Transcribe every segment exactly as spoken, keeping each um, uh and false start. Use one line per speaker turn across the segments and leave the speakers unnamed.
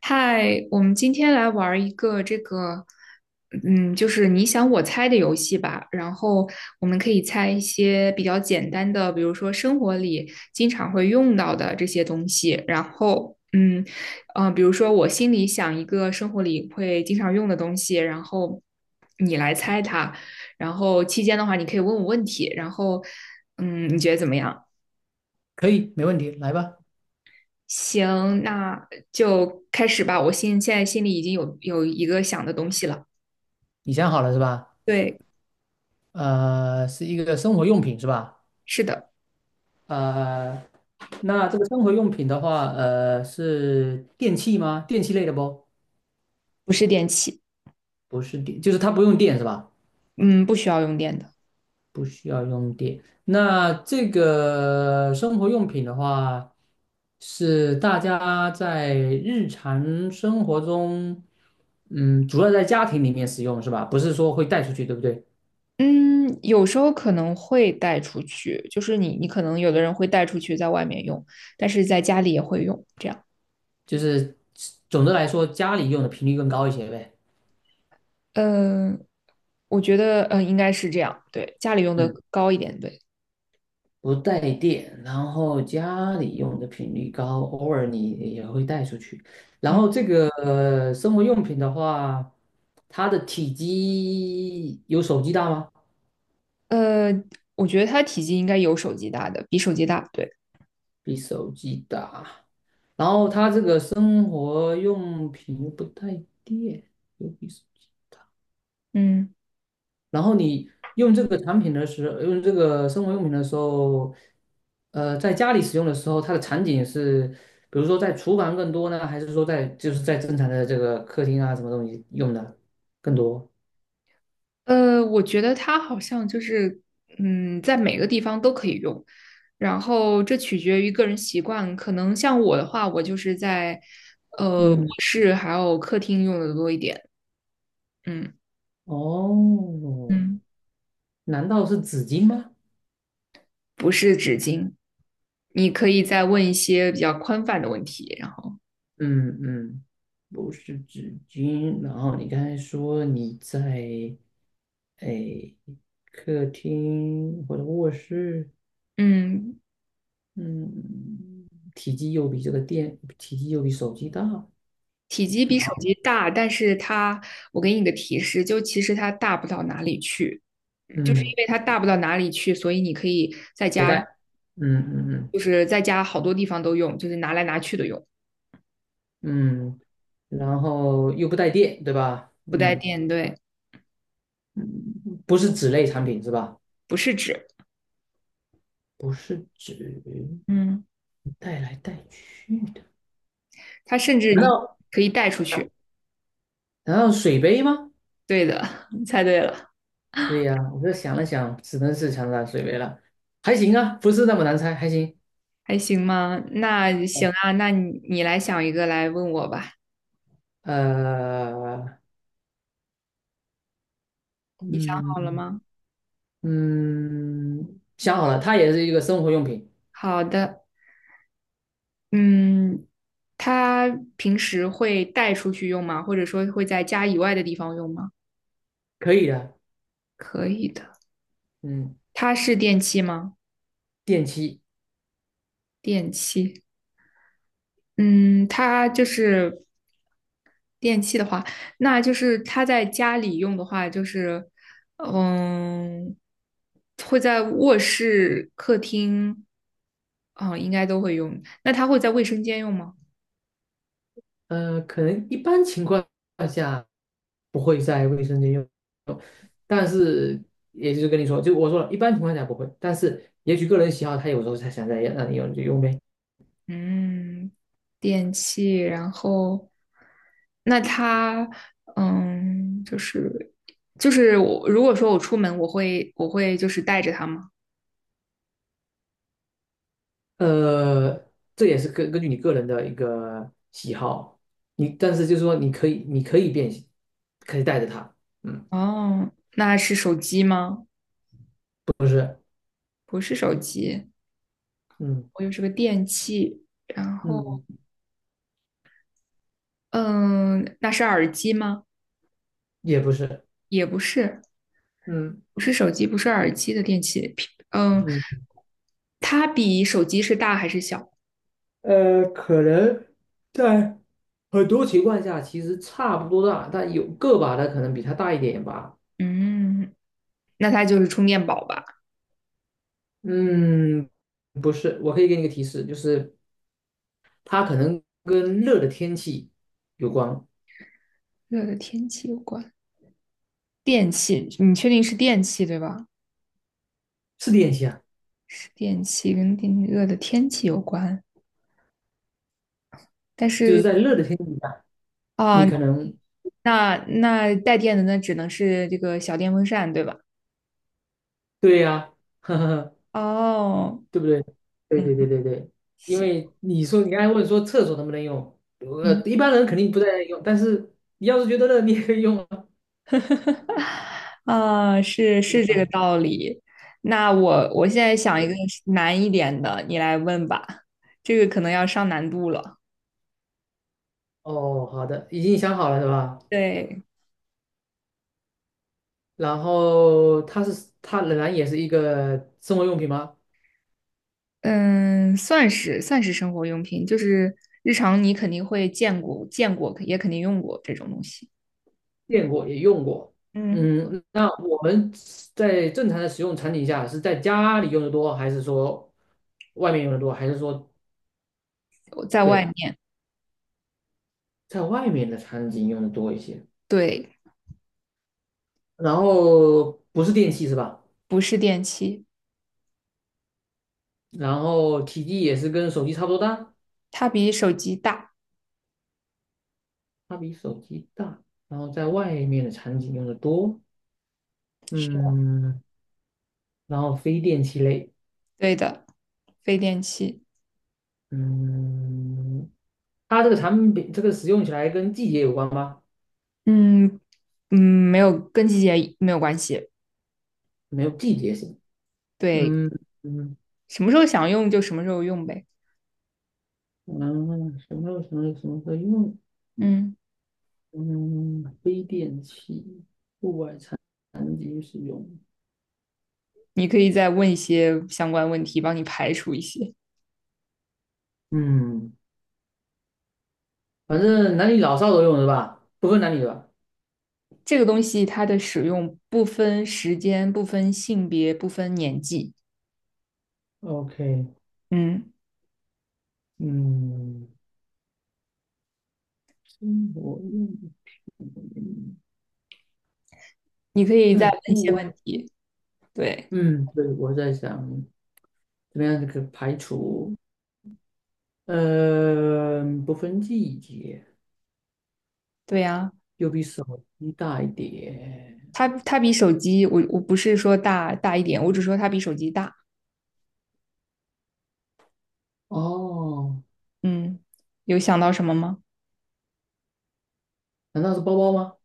嗨，我们今天来玩儿一个这个，嗯，就是你想我猜的游戏吧。然后我们可以猜一些比较简单的，比如说生活里经常会用到的这些东西。然后，嗯，呃，比如说我心里想一个生活里会经常用的东西，然后你来猜它。然后期间的话，你可以问我问题。然后，嗯，你觉得怎么样？
可以，没问题，来吧，
行，那就开始吧。我心现在心里已经有有一个想的东西了。
你想好了是吧？
对，
呃，是一个生活用品是吧？
是的，
呃，那这个生活用品的话，呃，是电器吗？电器类的不？
不是电器，
不是电，就是它不用电是吧？
嗯，不需要用电的。
不需要用电。那这个生活用品的话，是大家在日常生活中，嗯，主要在家庭里面使用是吧？不是说会带出去，对不对？
嗯，有时候可能会带出去，就是你你可能有的人会带出去在外面用，但是在家里也会用，这样。
就是总的来说，家里用的频率更高一些呗。
嗯、我觉得呃应该是这样，对，家里用的
嗯，
高一点，对，
不带电，然后家里用的频率高，偶尔你也会带出去。然
嗯，
后这个呃生活用品的话，它的体积有手机大吗？
呃，我觉得它体积应该有手机大的，比手机大，对，
比手机大。然后它这个生活用品又不带电，又比手机。大。
嗯。
然后你用这个产品的时候，用这个生活用品的时候，呃，在家里使用的时候，它的场景是，比如说在厨房更多呢，还是说在就是在正常的这个客厅啊什么东西用的更多？
呃，我觉得它好像就是，嗯，在每个地方都可以用，然后这取决于个人习惯。可能像我的话，我就是在呃卧
嗯，
室还有客厅用的多一点，嗯
哦，
嗯，
难道是纸巾吗？
不是纸巾。你可以再问一些比较宽泛的问题，然后
嗯嗯，不是纸巾。然后你刚才说你在诶客厅或者卧室。
嗯，
嗯，体积又比这个电，体积又比手机大，
体积比
然
手
后
机大，但是它，我给你个提示，就其实它大不到哪里去，就是因
嗯，
为它大不到哪里去，所以你可以在
携
家
带，嗯嗯
就是在家好多地方都用，就是拿来拿去的用，
嗯嗯，然后又不带电，对吧？
不带
嗯，
电，对，
不是纸类产品是吧？
不是纸，
不是纸，
嗯，
带来带去的，
它甚至
难
你
道
可以带出去。
难道水杯吗？
对的，你猜对了，
对呀，我这想了想，只能是长沙水杯了，还行啊，不是那么难猜，还行。
还行吗？那行
哦
啊，那你你来想一个来问我吧，
呃，
好了
嗯
吗？
嗯，想好了，它也是一个生活用品。
好的，嗯，它平时会带出去用吗？或者说会在家以外的地方用吗？
可以的，
可以的，
嗯，
它是电器吗？
电器，
电器，嗯，它就是电器的话，那就是他在家里用的话，就是嗯，会在卧室、客厅，嗯，应该都会用。那他会在卫生间用吗？
呃，可能一般情况下不会在卫生间用，但是也就是跟你说，就我说了，一般情况下不会，但是也许个人喜好，他有时候他想在让你用你就用呗，
嗯，电器，然后那他嗯，就是就是我如果说我出门，我会我会就是带着它吗？
呃，这也是根根据你个人的一个喜好，你但是就是说你可以你可以变形，可以带着它，嗯
哦，那是手机吗？不是手机，
嗯
我就是个电器，然后。
嗯，
嗯，那是耳机吗？
也不是，
也不是，
嗯
不是手机，不是耳机的电器。平嗯，
嗯。
它比手机是大还是小？
呃，可能在很多情况下其实差不多大，但有个把的可能比它大一点吧。
嗯，那它就是充电宝吧。
嗯，不是，我可以给你个提示，就是它可能跟热的天气有关，
热的天气有关，电器，你确定是电器对吧？
是练习啊，
是电器跟电热的天气有关，但
就是
是
在热的天气下，
啊，
你可能
那那带电的那只能是这个小电风扇对吧？
对呀、呵呵呵，
哦，
对不对？对
嗯，
对对对对，因
行。
为你说你刚才问说厕所能不能用，呃，
嗯。
一般人肯定不在那里用，但是你要是觉得热，你也可以用啊，
啊，是
对
是这个
吧？
道理。那我我现在想一个
对
难一点的，你来问吧。这个可能要上难度了。
哦，好的，已经想好了是吧？
对，
然后它是它仍然也是一个生活用品吗？
嗯，算是算是生活用品，就是日常你肯定会见过、见过，也肯定用过这种东西。
见过也用过。
嗯，
嗯，那我们在正常的使用场景下是在家里用的多，还是说外面用的多，还是说
我在外
对
面，
在外面的场景用的多一些？
对，
然后不是电器是吧？
不是电器，
然后体积也是跟手机差不多大，
它比手机大，
它比手机大，然后在外面的场景用的多。
是的，
嗯，然后非电器类。
对的，非电器。
嗯，它这个产品这个使用起来跟季节有关吗？
嗯嗯，没有，跟季节没有关系。
没有季节性。
对，
嗯嗯
什么时候想用就什么时候用呗。
嗯，什么什么什么可以用？
嗯，
嗯，非电器，户外产品使用。
你可以再问一些相关问题，帮你排除一些。
嗯，反正男女老少都用是吧？不分男女的吧
这个东西它的使用不分时间、不分性别、不分年纪。
？OK，
嗯，
嗯，生活用品
你可以再
在
问一
户
些问
外。
题。对，
嗯，对，我在想怎么样这个排除，呃，不分季节。
对呀，
又比手机大一点。
它它比手机，我我不是说大大一点，我只说它比手机大。
哦，
嗯，有想到什么吗？
难道是包包吗？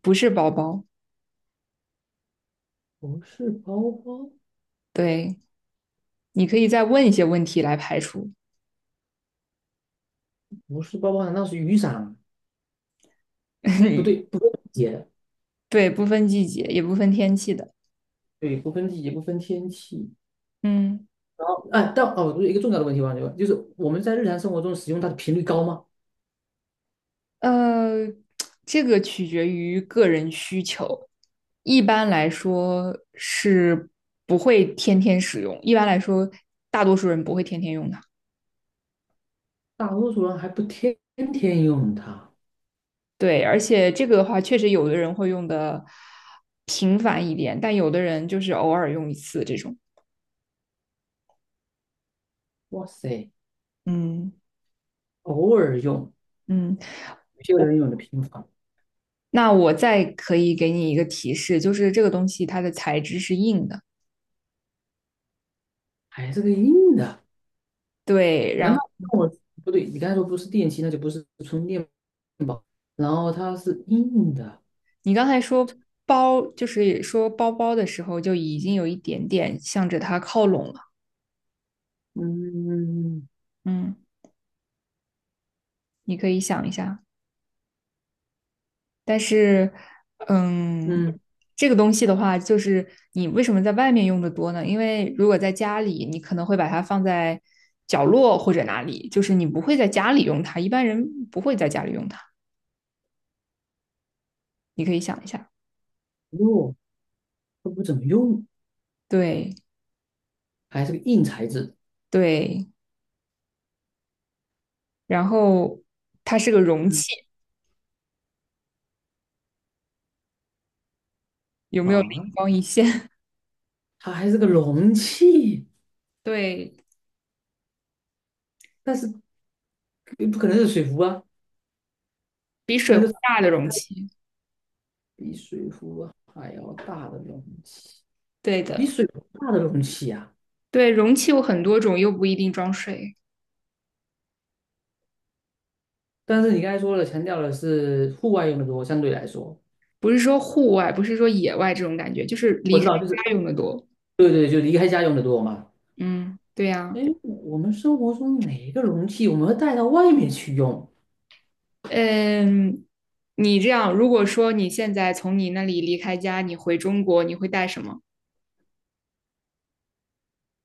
不是包包。
不是包包，
对，你可以再问一些问题来排除。
不是包包，难道是雨伞？不对，不分季节，
对，不分季节，也不分天气的。
对，不分季节，不分天气。
嗯。
然后，哎，但哦，一个重要的问题忘记问，就是我们在日常生活中使用它的频率高吗？
呃，这个取决于个人需求，一般来说是不会天天使用，一般来说大多数人不会天天用的。
大多数人还不天天用它。
对，而且这个的话，确实有的人会用的频繁一点，但有的人就是偶尔用一次这种。
哇塞，
嗯
偶尔用，
嗯，
有些人用的频繁，
那我再可以给你一个提示，就是这个东西它的材质是硬的，
还是个硬的。
对，
难
然
道跟我不对？你刚才说不是电器，那就不是充电宝。然后它是硬的，
你刚才说包，就是说包包的时候，就已经有一点点向着它靠拢了。
嗯
嗯，你可以想一下。但是，嗯，
嗯，
这个东西的话，就是你为什么在外面用的多呢？因为如果在家里，你可能会把它放在角落或者哪里，就是你不会在家里用它，一般人不会在家里用它。你可以想一下，
哟，都不怎么用，
对
还是个硬材质
对，然后它是个容
嗯，
器，有没有灵
啊，
光一现？
它还是个容器，
对
但是不可能是水壶啊，
比水
该
壶
是
大的容器。
比水壶还要大的容器，
对
比
的，
水壶大的容器啊。
对，容器有很多种，又不一定装水。
但是你刚才说了，强调的是户外用的多，相对来说，
不是说户外，不是说野外这种感觉，就是
我
离
知
开
道，就是
家用的多。
对对，就离开家用的多嘛。
嗯，对
哎，
呀，
我们生活中哪一个容器我们会带到外面去用？
嗯，你这样，如果说你现在从你那里离开家，你回中国，你会带什么？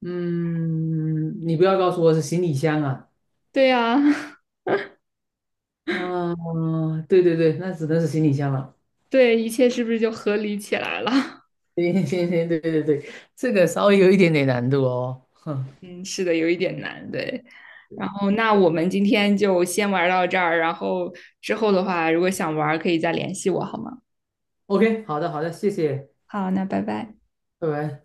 嗯，你不要告诉我是行李箱啊。
对呀，
嗯，对对对，那只能是行李箱了。
对，一切是不是就合理起来了？
行行行，对对对，这个稍微有一点点难度哦。
嗯，是的，有一点难，对。然后，那我们今天就先玩到这儿，然后之后的话，如果想玩，可以再联系我，好吗？
OK，好的好的，谢谢，
好，那拜拜。
拜拜。